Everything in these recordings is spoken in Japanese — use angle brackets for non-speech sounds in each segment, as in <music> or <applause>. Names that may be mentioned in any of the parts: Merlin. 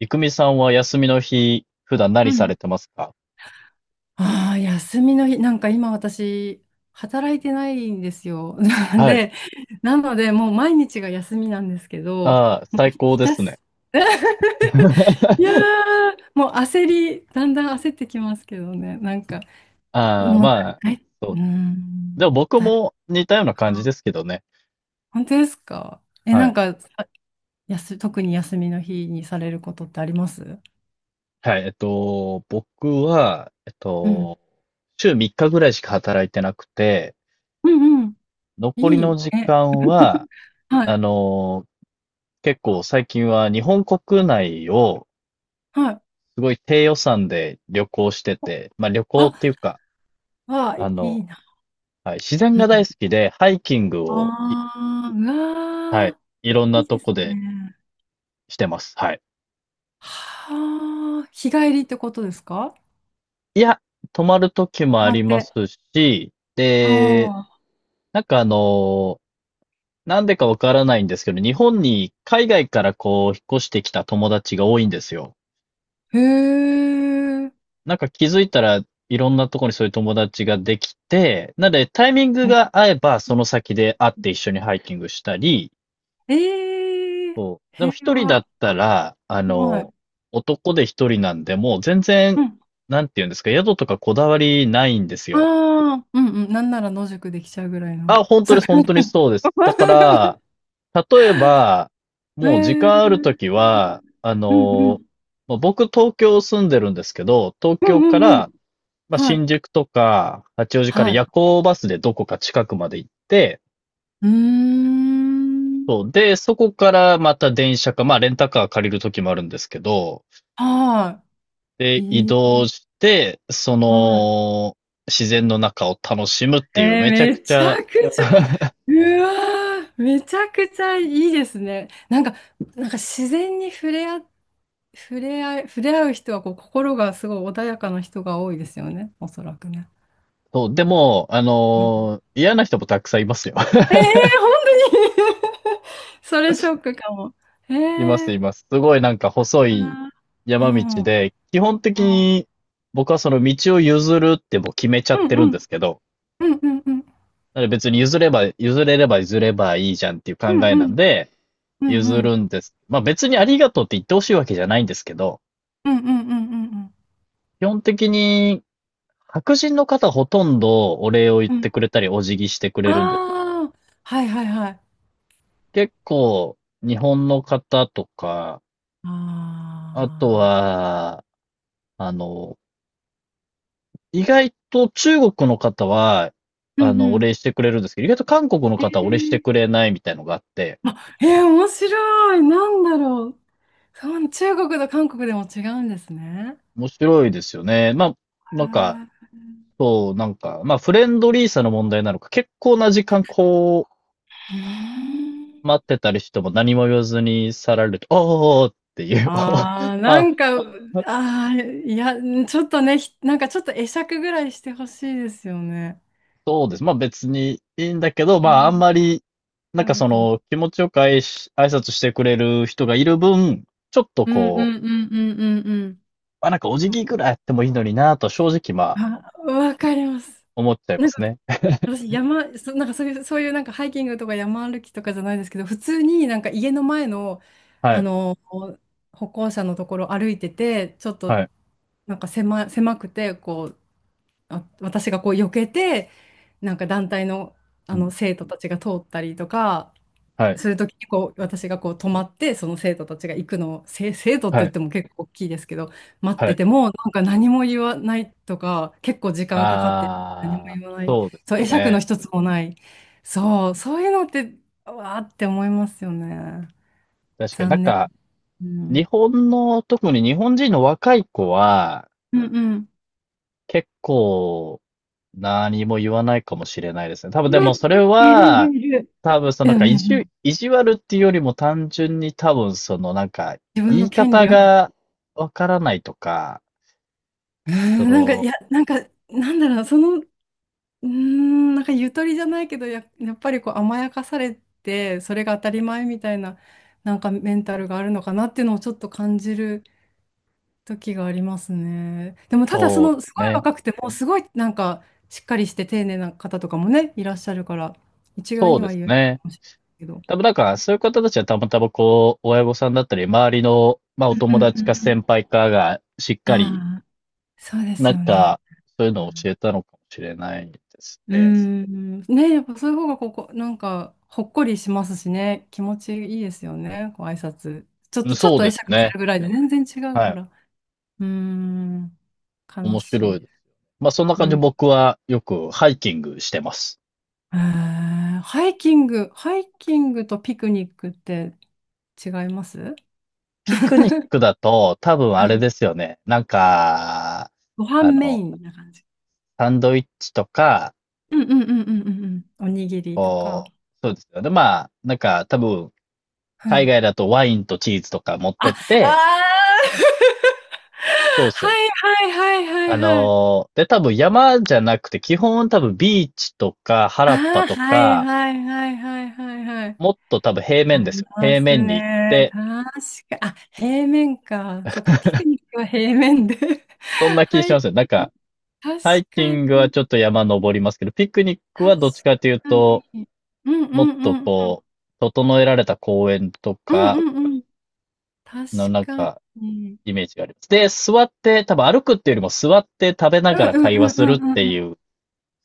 いくみさんは休みの日、普段う何されん。てますか？ああ、休みの日、なんか今私、働いてないんですよ。<laughs> はい。で、なので、もう毎日が休みなんですけど、ああ、もう最高ひでたすね。す、<laughs> いやー、<laughs> もう焦り、だんだん焦ってきますけどね、なんか、ああ、もう、まあ、だい、そうーう。でもん、僕だい、も似たような感じあ、ですけどね。本当ですか？え、はなんい。か、さやす、特に休みの日にされることってあります？はい。僕は、うん。週3日ぐらいしか働いてなくて、うんうん。残りいのい。時え、間は、<laughs> はあい。の、結構最近は日本国内をはい。すごい低予算で旅行してて、まあ旅行ってあ、いうか、わあ、いあの、いな。はい。自然うが大ん。好きで、ハイキングを、ああ、うはわい。あ、いろんいないとですこでね。してます。はい。はあ、日帰りってことですか？いや、泊まる時も泊あまりっますて。し、で、あなんかなんでかわからないんですけど、日本に海外からこう、引っ越してきた友達が多いんですよ。あ、へえ、なんか気づいたら、いろんなとこにそういう友達ができて、なのでタイミングが合えば、その先で会って一緒にハイキングしたり、ええ、そう。でも一平人だ和。ったら、はい。男で一人なんで、もう全う然、ん。なんて言うんですか、宿とかこだわりないんですあよ。あ、うんうん。なんなら野宿できちゃうぐらいの。あ、そこ。本当にそうです。だから、<laughs> 例えば、えもう時え、う間あるとんきは、うん。まあ僕東京住んでるんですけど、東う京んかうんうら、ん。まあ、はい。新宿とか八王子からはい。夜行バスでどこか近くまで行って、うーん。そう。で、そこからまた電車か、まあレンタカー借りるときもあるんですけど、はい。で、移いい。動して、そはい。の、自然の中を楽しむっえていう、ー、めちゃめくちちゃ ゃくちゃ、<laughs>、うわー、めちゃくちゃいいですね。なんか、自然に触れ合う人はこう心がすごい穏やかな人が多いですよね、おそらくね。そう、でも、うん。嫌な人もたくさんいますよ。えー、<laughs> 本当に。 <laughs> それショックかも。えいます、いー、ます。すごいなんか細あいー、う山道ん、で、基本的あに僕はその道を譲るってもう決めちゃー、っうてん、るうんでん、すけど、うん、うん、うん、だから別に譲れば、譲れれば譲ればいいじゃんっていう考うん、えなうんん、で、うん、譲うん、るんです。まあ別にありがとうって言ってほしいわけじゃないんですけど、うん、うん、うん、うん、基本的に白人の方ほとんどお礼を言っうん、てくれたり、お辞儀してくれあるんですけど、あー、はいはいはい、あ結構日本の方とか、あとあ、は、あの、意外と中国の方は、うんうおん。礼してくれるんですけど、意外と韓国の方はお礼してえくれないみたいのがあって、ー、面白い。なんだろう。そう、中国と韓国でも違うんですね。面白いですよね。まあ、なんか、あ、そう、なんか、まあ、フレンドリーさの問題なのか、結構な時間こうーう、ん、待ってたりしても何も言わずに去られると、おーっていう、ああ、<laughs> なあ、んか、ああ、いや、ちょっとね、なんかちょっと会釈ぐらいしてほしいですよね。そうです。まあ別にいいんだけど、うまああんん、まり、なんあかるそかも。の気持ちよく挨拶してくれる人がいる分、ちょっとうんうこんうんうんうんうん。う、あ、なんかお辞わ儀かぐらいやってもいいのになと正直まあわかります。思っちゃいまなんすかね。私山、そ、なんかそういうなんかハイキングとか山歩きとかじゃないですけど、普通になんか家の前の、はあい、の、歩行者のところ歩いてて、ちょっはとい、なんか狭くて、こう、あ、私がこう避けて、なんか団体の、うあん、の生徒たちが通ったりとか、はい、するときにこう私がこう止まってその生徒たちが行くのを生徒っては言っい、ても結構大きいですけど、待っはてい。てもなんか何も言わないとか結構時間かかって、何もああ、言わない。そうでそう、会す釈のね。一つもない。そう、そういうのって、わーって思いますよね。確かになん残念。かう日ん、本の、特に日本人の若い子はうんうん、結構何も言わないかもしれないですね。多分いでるいもるそれいは、るいる。多分そのうなんんうんかうん。意地悪っていうよりも単純に多分そのなんか自分言のい権方利を。うん。 がわからないとか、<laughs> そなんか、いの、や、なんか、なんだろう、その、うーん、なんかゆとりじゃないけど、やっぱりこう甘やかされて、それが当たり前みたいな、なんかメンタルがあるのかなっていうのをちょっと感じる時がありますね。でもただそそうでの、すすごいね。若くても、すごいなんかしっかりして丁寧な方とかもね、いらっしゃるから、一概そうにではす言えるかね。もしれないけど。多分なんかそういう方たちはたまたまこう、親御さんだったり、周りの、まあうおんう友んう達かんう先輩かがしっん。かり、ああ、そうですなんよね。かそういううのを教ん。えたのかもしれないですうーね。ん。ね、やっぱそういう方がここ、なんか、ほっこりしますしね。気持ちいいですよね。こう挨拶。ちょっうん、と、ちょっそうとで会す釈すね。るぐらいで全然違うかはい。ら。うーん。面悲し白いい。です。まあそんなう感じでん。僕はよくハイキングしてます。えー、ハイキング、ハイキングとピクニックって違います？ ピ <laughs> クニックだと多分うあれん。ですよね。なんか、ご飯あメの、インな感じ。サンドイッチとか、うんうんうんうんうんうん。おにぎりとか。こう、そうですよね。まあ、なんか多分う海ん。外だとワインとチーズとか持っあ、てあっあー。 <laughs> て、そうですはよね。いはいはいはいはい。で多分山じゃなくて基本多分ビーチとか原っあぱあ、とはいか、はいはいはいはいはい。もっと多分平あ面ですりよね。ま平す面に行っね。て、確か、あ、平面か。そっか、ピクニックは平面で。<laughs> そんな気はしい。ますよ。なんか、確ハイキかングはに、ちょっと山登りますけど、ピクニック確はどっちかというかと、に。うんもっうとんうん。こう、整えられた公園とうんかうんうん。確のなんかか、に。イメージがあります。で、座って、多分歩くっていうよりも座って食べなうんがらうん会話うんうするっんうんてうん。いう、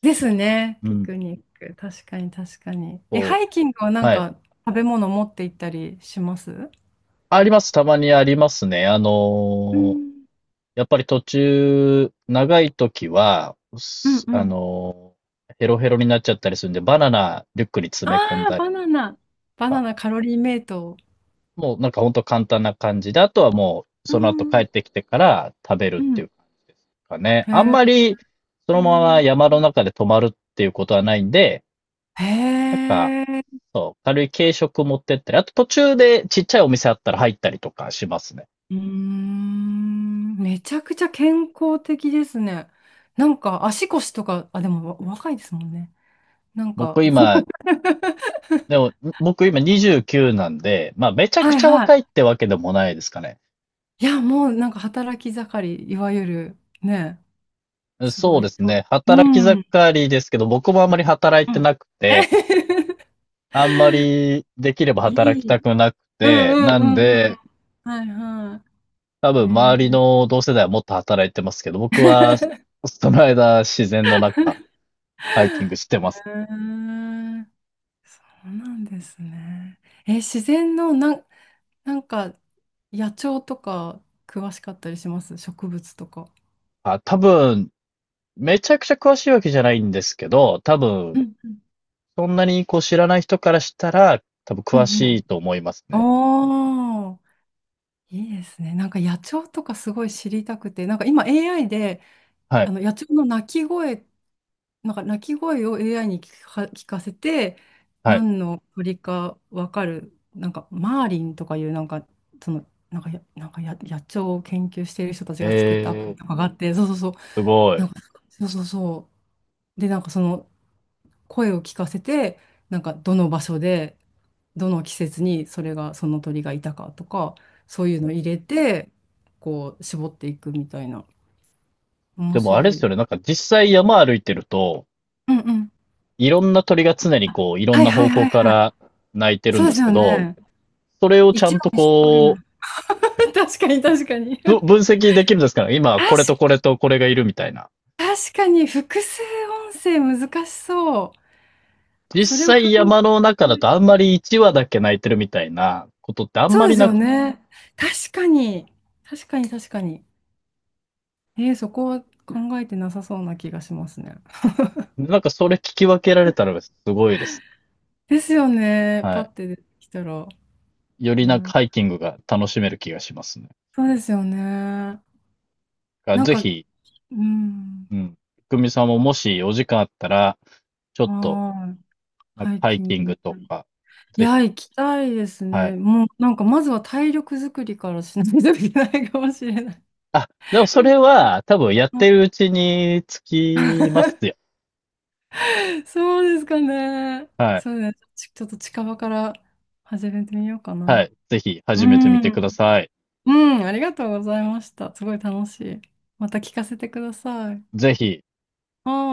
ですね。うピん、クニック。確かに確かに。え、ハこイキングはなう、んはい。か食べ物持って行ったりします？あります。たまにありますね。うんやっぱり途中、長い時は、うんすうあん。のーヘロヘロになっちゃったりするんで、バナナリュックに詰めあ込んあ、だバりとナナ。バナか、ナカロリーメイト。もうなんかほんと簡単な感じで、あとはもううその後帰ん。うってきてから食べるってん。いうかね。へあんえ。まりそうのまん。ま山の中で泊まるっていうことはないんで、なんか、へえ。そう、軽い軽食持ってったり、あと途中でちっちゃいお店あったら入ったりとかしますね。うーん。めちゃくちゃ健康的ですね。なんか足腰とか、あ、でも若いですもんね。なん僕か。今、でも、<laughs> 僕今29なんで、まあめちゃくはいちゃは若い。いってわけでもないですかね。いや、もうなんか働き盛り、いわゆる、ね、すそごうい。ですそう、ね。う働き盛ん。うりですけど、僕もあんまり働いてん。なくて、<laughs> あんまりできればい働きたい。くなくうんて、なんうんうんうん。で、はいは多い。分え周りー、の同世代はもっと働いてますけど、僕 <laughs> はその間自然の中ハイキングしてえます。ー、そうなんですね。えー、自然のなん、なんか野鳥とか詳しかったりします？植物とか。あ、多分めちゃくちゃ詳しいわけじゃないんですけど、多う分んうんそんなにこう知らない人からしたら多分うん詳うしいん。と思いますね。おー、いいですね。なんか野鳥とかすごい知りたくて、なんか今 AI ではあい。の野鳥の鳴き声を AI に聞かせて、はい。何の鳥か分かる、なんかマーリンとかいう、なんか、その、なんかや、なんかや、野鳥を研究している人たちえが作ったアプリー、とかがあって、そうそうそう、すごい。なんか、そうそうそう。で、なんかその声を聞かせて、なんかどの場所で、どの季節にそれが、その鳥がいたかとか、そういうの入れて、こう、絞っていくみたいな。面でもあれで白すい。よね、なんか実際山歩いてると、うんうん。いろんな鳥が常にこういろんはいなは方いは向いかはい。ら鳴いてるそんうでですすけよど、ね。それをちゃ一ん話とに絞れなこうい。<laughs> 確かに確かに。確分析できるんですから、今これとこれとこれがいるみたいな。確かに複数音声難しそう。実それを考際山の中だえ、とあんまり1話だけ泣いてるみたいなことってあんまそうでりすなよく、ね。確かに。確かに確かに。えー、そこは考えてなさそうな気がしますね。なんかそれ聞き分けられたらすごいですですよね。ね。はパッい。て出てきたら。よえりなんかー、ハイキングが楽しめる気がしますね。そうですよね。なんぜか、ひ、うん。うん。くみさんももしお時間あったら、ちょっと、はーい。なんかハイハイキンキンググね。とか、いぜひ、や、行きたいですはね。い。もう、なんか、まずは体力作りからしないといけないかもしれない。あ、でもそれは多分やってるう <laughs> ちにつきますあ、よ。そうですかね。はい。そうね。ちょっと近場から始めてみようかはな。い。ぜひう始めてみん。てください。うん、ありがとうございました。すごい楽しい。また聞かせてください。ぜひ。